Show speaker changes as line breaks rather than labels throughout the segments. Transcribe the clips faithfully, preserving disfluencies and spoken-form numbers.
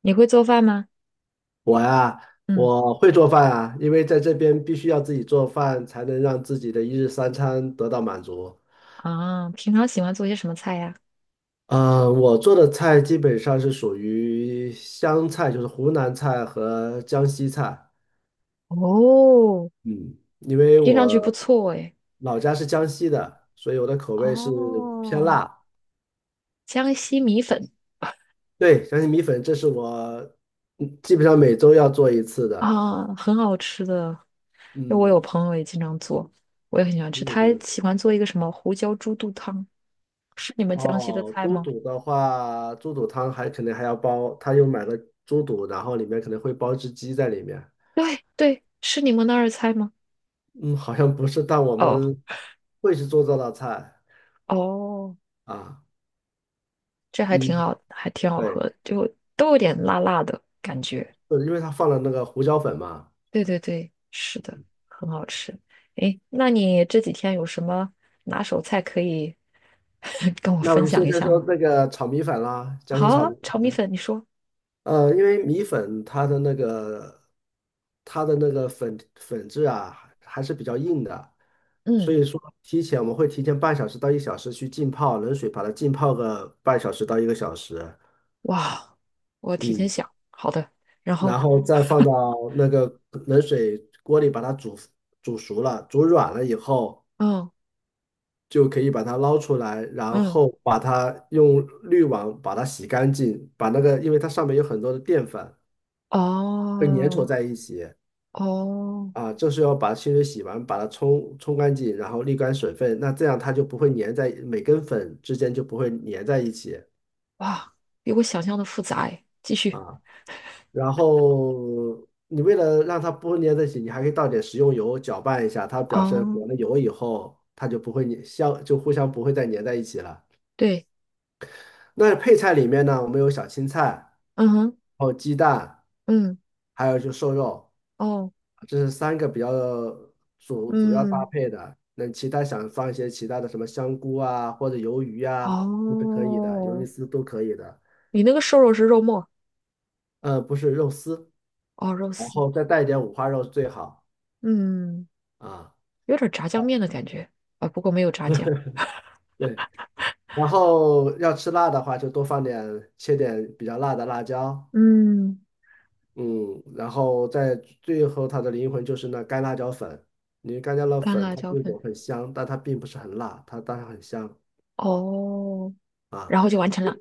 你会做饭吗？
我呀，
嗯。
我会做饭啊，因为在这边必须要自己做饭，才能让自己的一日三餐得到满足。
啊，平常喜欢做些什么菜呀？
嗯，我做的菜基本上是属于湘菜，就是湖南菜和江西菜。
哦，
嗯，因为
听上去
我
不错诶。
老家是江西的，所以我的口味是偏
哦，
辣。
江西米粉
对，江西米粉，这是我嗯基本上每周要做一次的。
啊，很好吃的。因为我有
嗯，
朋友也经常做，我也很喜欢吃。
你也
他喜
是。
欢做一个什么胡椒猪肚汤，是你们江西的
哦，
菜
猪
吗？
肚的话，猪肚汤还可能还要包，他又买了猪肚，然后里面可能会包只鸡在里面。
对对，是你们那儿的菜吗？
嗯，好像不是，但我
哦
们会去做这道菜
哦，
啊。
这还挺
嗯，
好，还挺好喝
对，
的，就都有点辣辣的感觉。
是因为他放了那个胡椒粉嘛。
对对对，是的，很好吃。诶，那你这几天有什么拿手菜可以 跟我
那我
分
就
享
先
一
先
下
说
吗？
那个炒米粉啦，江
好
西炒
啊
米
炒米
粉。
粉，你说。
呃，因为米粉它的那个它的那个粉粉质啊，还还是比较硬的，所
嗯。
以说提前我们会提前半小时到一小时去浸泡冷水，把它浸泡个半小时到一个小时，
哇，我提前
嗯，
想，好的。然
然
后
后再放 到那个冷水锅里把它煮煮熟了，煮软了以后
嗯
就可以把它捞出来，然
嗯，
后把它用滤网把它洗干净，把那个因为它上面有很多的淀粉会粘稠
哦
在一起。
哦，
啊，就是要把清水洗完，把它冲冲干净，然后沥干水分，那这样它就不会粘在每根粉之间就不会粘在一起
哇，比我想象的复杂诶。继续。
啊。然后你为了让它不会粘在一起，你还可以倒点食用油搅拌一下，它表示
哦，
裹了油以后，它就不会粘相就互相不会再粘在一起了。
对。
那配菜里面呢，我们有小青菜，
嗯哼。
然后鸡蛋，
嗯。
还有就瘦肉。
哦。
这是三个比较主主要搭
嗯。
配的。那其他想放一些其他的什么香菇啊，或者鱿鱼啊，都是可以的，鱿鱼
哦。
丝都可以的。
你那个瘦肉是肉末，
呃，不是肉丝，
哦，肉
然
丝。
后再带一点五花肉最好
嗯。
啊。
有点炸酱面的感觉啊，不过没有炸酱。
对，然后要吃辣的话，就多放点，切点比较辣的辣椒。
嗯。
嗯，然后在最后它的灵魂就是那干辣椒粉，因为干辣椒
干
粉
辣
它
椒
这
粉。
种很香，但它并不是很辣，它当然很香。
哦，
啊。
然后就完成了。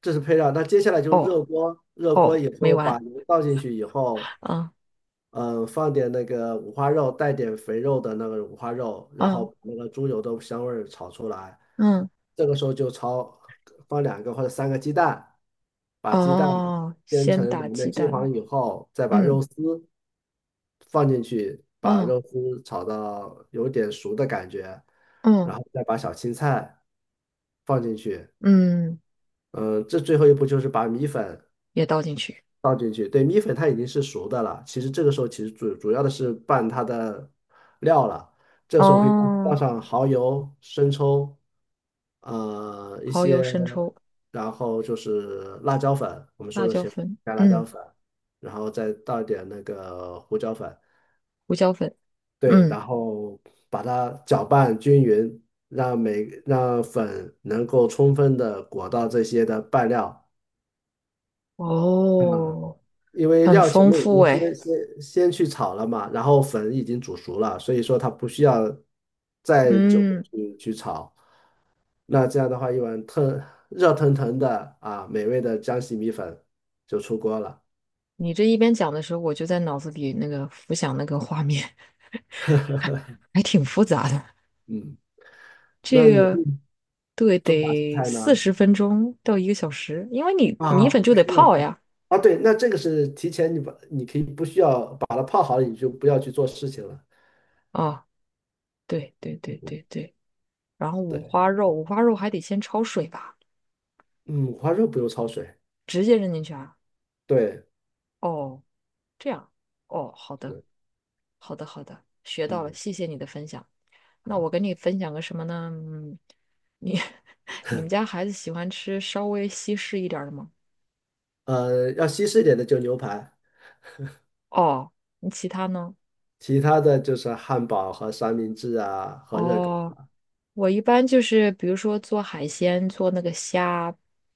这是配料。那接下来就是
哦
热锅，热锅
哦，
以
没
后
完。
把油倒进去以后，
嗯
嗯，放点那个五花肉，带点肥肉的那个五花肉，然后
嗯
把那个猪油的香味儿炒出来。
嗯，
这个时候就炒，放两个或者三个鸡蛋，把鸡蛋
哦，
煎
先
成
打
两
鸡
面金
蛋。
黄以后，再把
嗯
肉丝放进去，把
嗯
肉丝炒到有点熟的感觉，
嗯
然后再把小青菜放进去。
嗯，
嗯，这最后一步就是把米粉。
也倒进去。
倒进去，对，米粉它已经是熟的了。其实这个时候其实主主要的是拌它的料了。这时候可以倒
哦，
上蚝油、生抽，呃，一
蚝油、
些，
生抽、
然后就是辣椒粉，我们说
辣
的
椒
前
粉，
加辣椒
嗯，
粉，然后再倒一点那个胡椒粉，
胡椒粉，
对，
嗯。
然后把它搅拌均匀，让每让粉能够充分的裹到这些的拌料。啊、
哦，
因为
很
料前
丰
面已
富
经
哎。
先先先去炒了嘛，然后粉已经煮熟了，所以说它不需要再久地
嗯，
去去炒。那这样的话，一碗特热腾腾的啊，美味的江西米粉就出锅了。
你这一边讲的时候，我就在脑子里那个浮想那个画面，还挺复杂的。
嗯，
这
那你
个
会
对，
做哪些
得
菜
四
呢？
十分钟到一个小时，因为你
啊，
米粉就
不
得
需要
泡呀。
啊，对，那这个是提前你把你可以不需要把它泡好了，你就不要去做事情了。
啊，对对对
嗯，
对对，然后五
对，
花肉，五花肉还得先焯水吧，
嗯，五花肉不用焯水，
直接扔进去啊。
对，
哦，这样，哦，好的，
是，
好的，好的，学到了，
嗯，
谢谢你的分享。那
啊。
我跟你分享个什么呢？嗯，你 你们 家孩子喜欢吃稍微西式一点儿的吗？
呃，要西式一点的就牛排，
哦，那其他呢？
其他的就是汉堡和三明治啊和热狗。
哦。我一般就是比如说做海鲜，做那个虾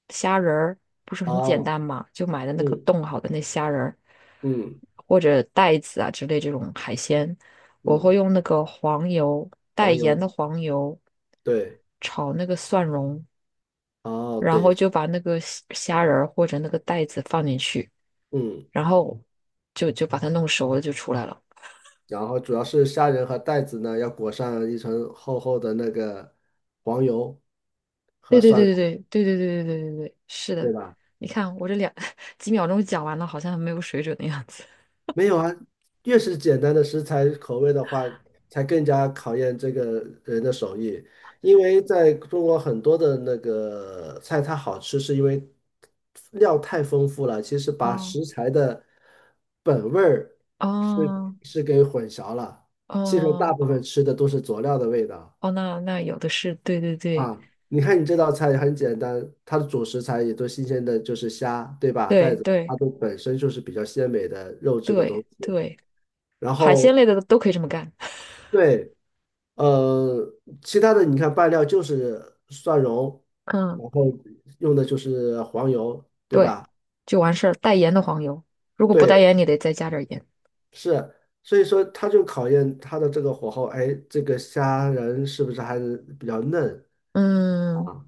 虾仁儿，不是很简
哦，
单嘛？就买的那个
嗯
冻好的那虾仁儿，
嗯
或者带子啊之类这种海鲜，我
嗯，
会用那个黄油带
黄油，
盐的黄油
对，
炒那个蒜蓉，
哦
然后
对，
就把那个虾虾仁儿或者那个带子放进去，
嗯，
然后就就把它弄熟了就出来了。
然后主要是虾仁和带子呢，要裹上一层厚厚的那个黄油和
对对
蒜蓉，
对对对对对对对对对对，是
对
的。
吧？
你看我这两 几秒钟讲完了，好像很没有水准的样子。
没有啊，越是简单的食材口味的话，才更加考验这个人的手艺。因为在中国很多的那个菜，它好吃是因为料太丰富了，其实把
哦
食材的本味儿是
哦
是给混淆了。其实
哦
大部分吃的都是佐料的味道
哦，那那有的是，对对对
啊。你看你这道菜也很简单，它的主食材也都新鲜的，就是虾，对吧？带
对
子
对
它都本身就是比较鲜美的肉质的东
对
西。
对，
然
海鲜
后
类的都可以这么干。
对，呃，其他的你看拌料就是蒜蓉，
嗯，
然后用的就是黄油，对
对，
吧？
就完事儿。带盐的黄油，如果不带
对，
盐，你得再加点儿盐。
是，所以说它就考验它的这个火候，哎，这个虾仁是不是还是比较嫩
嗯，
啊？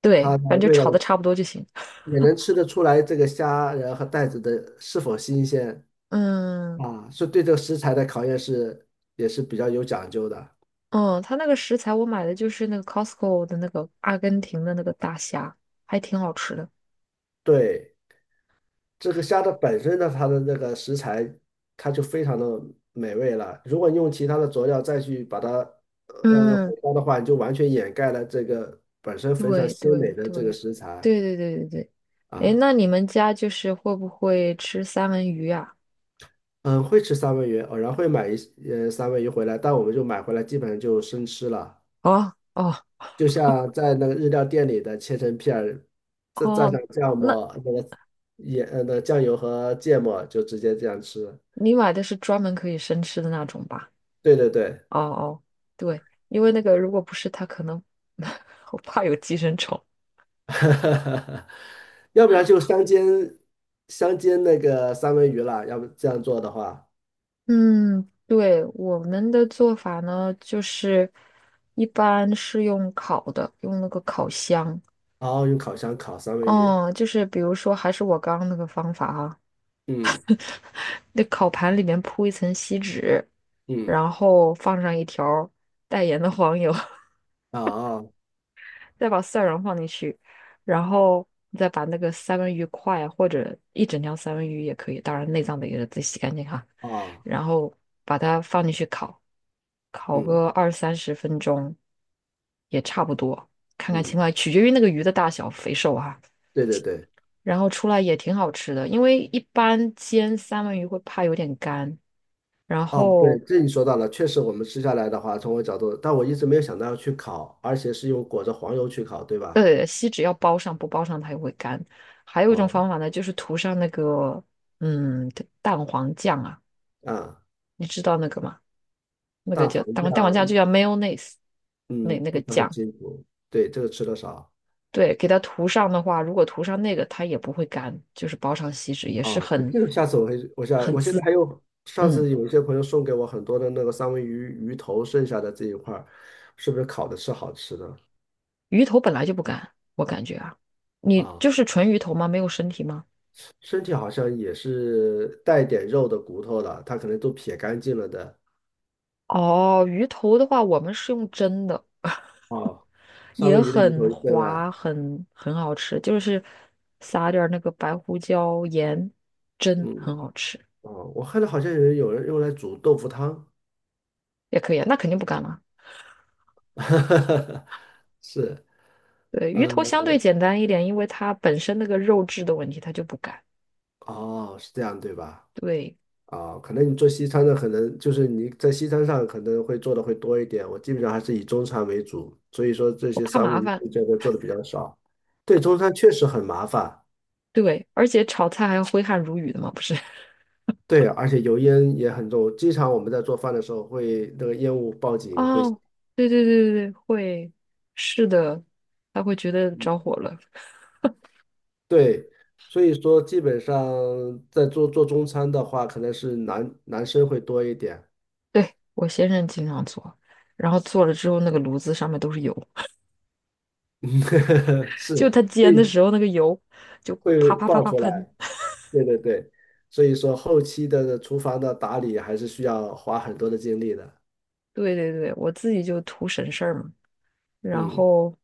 对，
它的
反正就
味道
炒的差不多就行。
也能吃得出来，这个虾仁和带子的是否新鲜
嗯
啊？所以对这个食材的考验是也是比较有讲究的，
嗯，他那个食材我买的就是那个 Costco 的那个阿根廷的那个大虾，还挺好吃的。
对。这个虾的本身呢，它的那个食材，它就非常的美味了。如果你用其他的佐料再去把它呃
嗯，
火烧的话，你就完全掩盖了这个本身非常
对对
鲜美的这个
对，
食材
对对对对对。哎，
啊。
那你们家就是会不会吃三文鱼啊？
嗯，会吃三文鱼，偶然会买一呃三文鱼回来，但我们就买回来基本上就生吃了。
哦哦
就像在那个日料店里的切成片儿，再蘸
哦，
上酱
那
末，那个盐呃那酱油和芥末，就直接这样吃。
你买的是专门可以生吃的那种吧？
对对对。
哦哦，对，因为那个如果不是，它可能 我怕有寄生虫。
哈哈哈要不然就香煎香煎那个三文鱼了，要不这样做的话，
嗯，对，我们的做法呢，就是一般是用烤的，用那个烤箱。
然后用烤箱烤三文鱼。
哦，就是比如说，还是我刚刚那个方法啊，
嗯
那烤盘里面铺一层锡纸，
嗯
然后放上一条带盐的黄油，
啊啊
再把蒜蓉放进去，然后你再把那个三文鱼块或者一整条三文鱼也可以，当然内脏得给它自己洗干净哈，
啊，
然后把它放进去烤，烤
嗯
个二三十分钟也差不多，看看
嗯，
情况，取决于那个鱼的大小肥瘦哈。
对对对，
然后出来也挺好吃的，因为一般煎三文鱼会怕有点干，然
哦，对，
后
这你说到了，确实我们吃下来的话，从我角度，但我一直没有想到要去烤，而且是用裹着黄油去烤，对吧？
对，锡纸要包上，不包上它也会干。还有一种方
哦，
法呢，就是涂上那个嗯蛋黄酱啊，
啊，
你知道那个吗？那个
蛋
叫
黄
蛋黄蛋黄酱就
酱，
叫 mayonnaise，那
嗯，
那个
不是很
酱，
清楚，对，这个吃的少。
对，给它涂上的话，如果涂上那个，它也不会干，就是包上锡纸也
啊，
是
那
很
这个下次我会，我想
很
我现在
滋，
还有上
嗯，
次有一些朋友送给我很多的那个三文鱼鱼头剩下的这一块儿，是不是烤的是好吃的
鱼头本来就不干，我感觉啊，你
啊？
就是纯鱼头吗？没有身体吗？
身体好像也是带点肉的骨头的，它可能都撇干净了的
哦，鱼头的话，我们是用蒸的，
哦，三
也
文鱼的鱼头
很
扔了，
滑，很很好吃，就是撒点儿那个白胡椒盐蒸，很
嗯，
好吃，
哦，我看到好像有人有人用来煮豆腐汤，
也可以啊。那肯定不干了。
是，
对，鱼
嗯，
头相对简单一点，因为它本身那个肉质的问题，它就不干。
哦，是这样对吧？
对，
啊，可能你做西餐的，可能就是你在西餐上可能会做的会多一点。我基本上还是以中餐为主，所以说这
我
些
怕
三
麻
文鱼
烦。
这个做的比较少。对，中餐确实很麻烦，
对，而且炒菜还要挥汗如雨的嘛，不是？
对，而且油烟也很重。经常我们在做饭的时候会那个烟雾报 警会，
哦，对对对对对，会，是的，他会觉得着火了。
对，所以说基本上在做做中餐的话，可能是男男生会多一点，
对，我先生经常做，然后做了之后，那个炉子上面都是油，
是，
就他煎的
会
时候，那个油就
会
啪啪啪
爆
啪
出
喷。
来。对对对，所以说后期的厨房的打理还是需要花很多的精力的，
对对对，我自己就图省事儿嘛，然
嗯，
后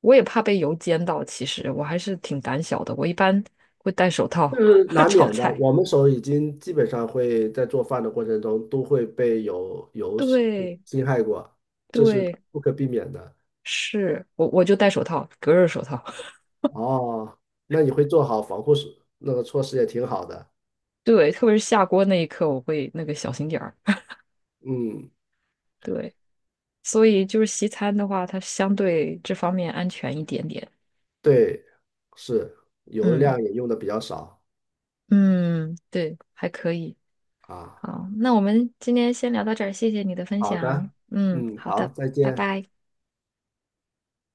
我也怕被油煎到，其实我还是挺胆小的，我一般会戴手
这
套
是 难
炒
免的。
菜。
我们手已经基本上会在做饭的过程中都会被有有是
对
侵害过，这是
对，
不可避免的。
是我我就戴手套，隔热手套。
哦，那你会做好防护措那个措施也挺好的，
对，特别是下锅那一刻，我会那个小心点儿。
嗯，
对，所以就是西餐的话，它相对这方面安全一点点。
对，是油
嗯
量也用的比较少
嗯，对，还可以。
啊。
好，那我们今天先聊到这儿，谢谢你的分
好
享。
的，
嗯，
嗯，
好
好，
的，
再
拜
见。
拜。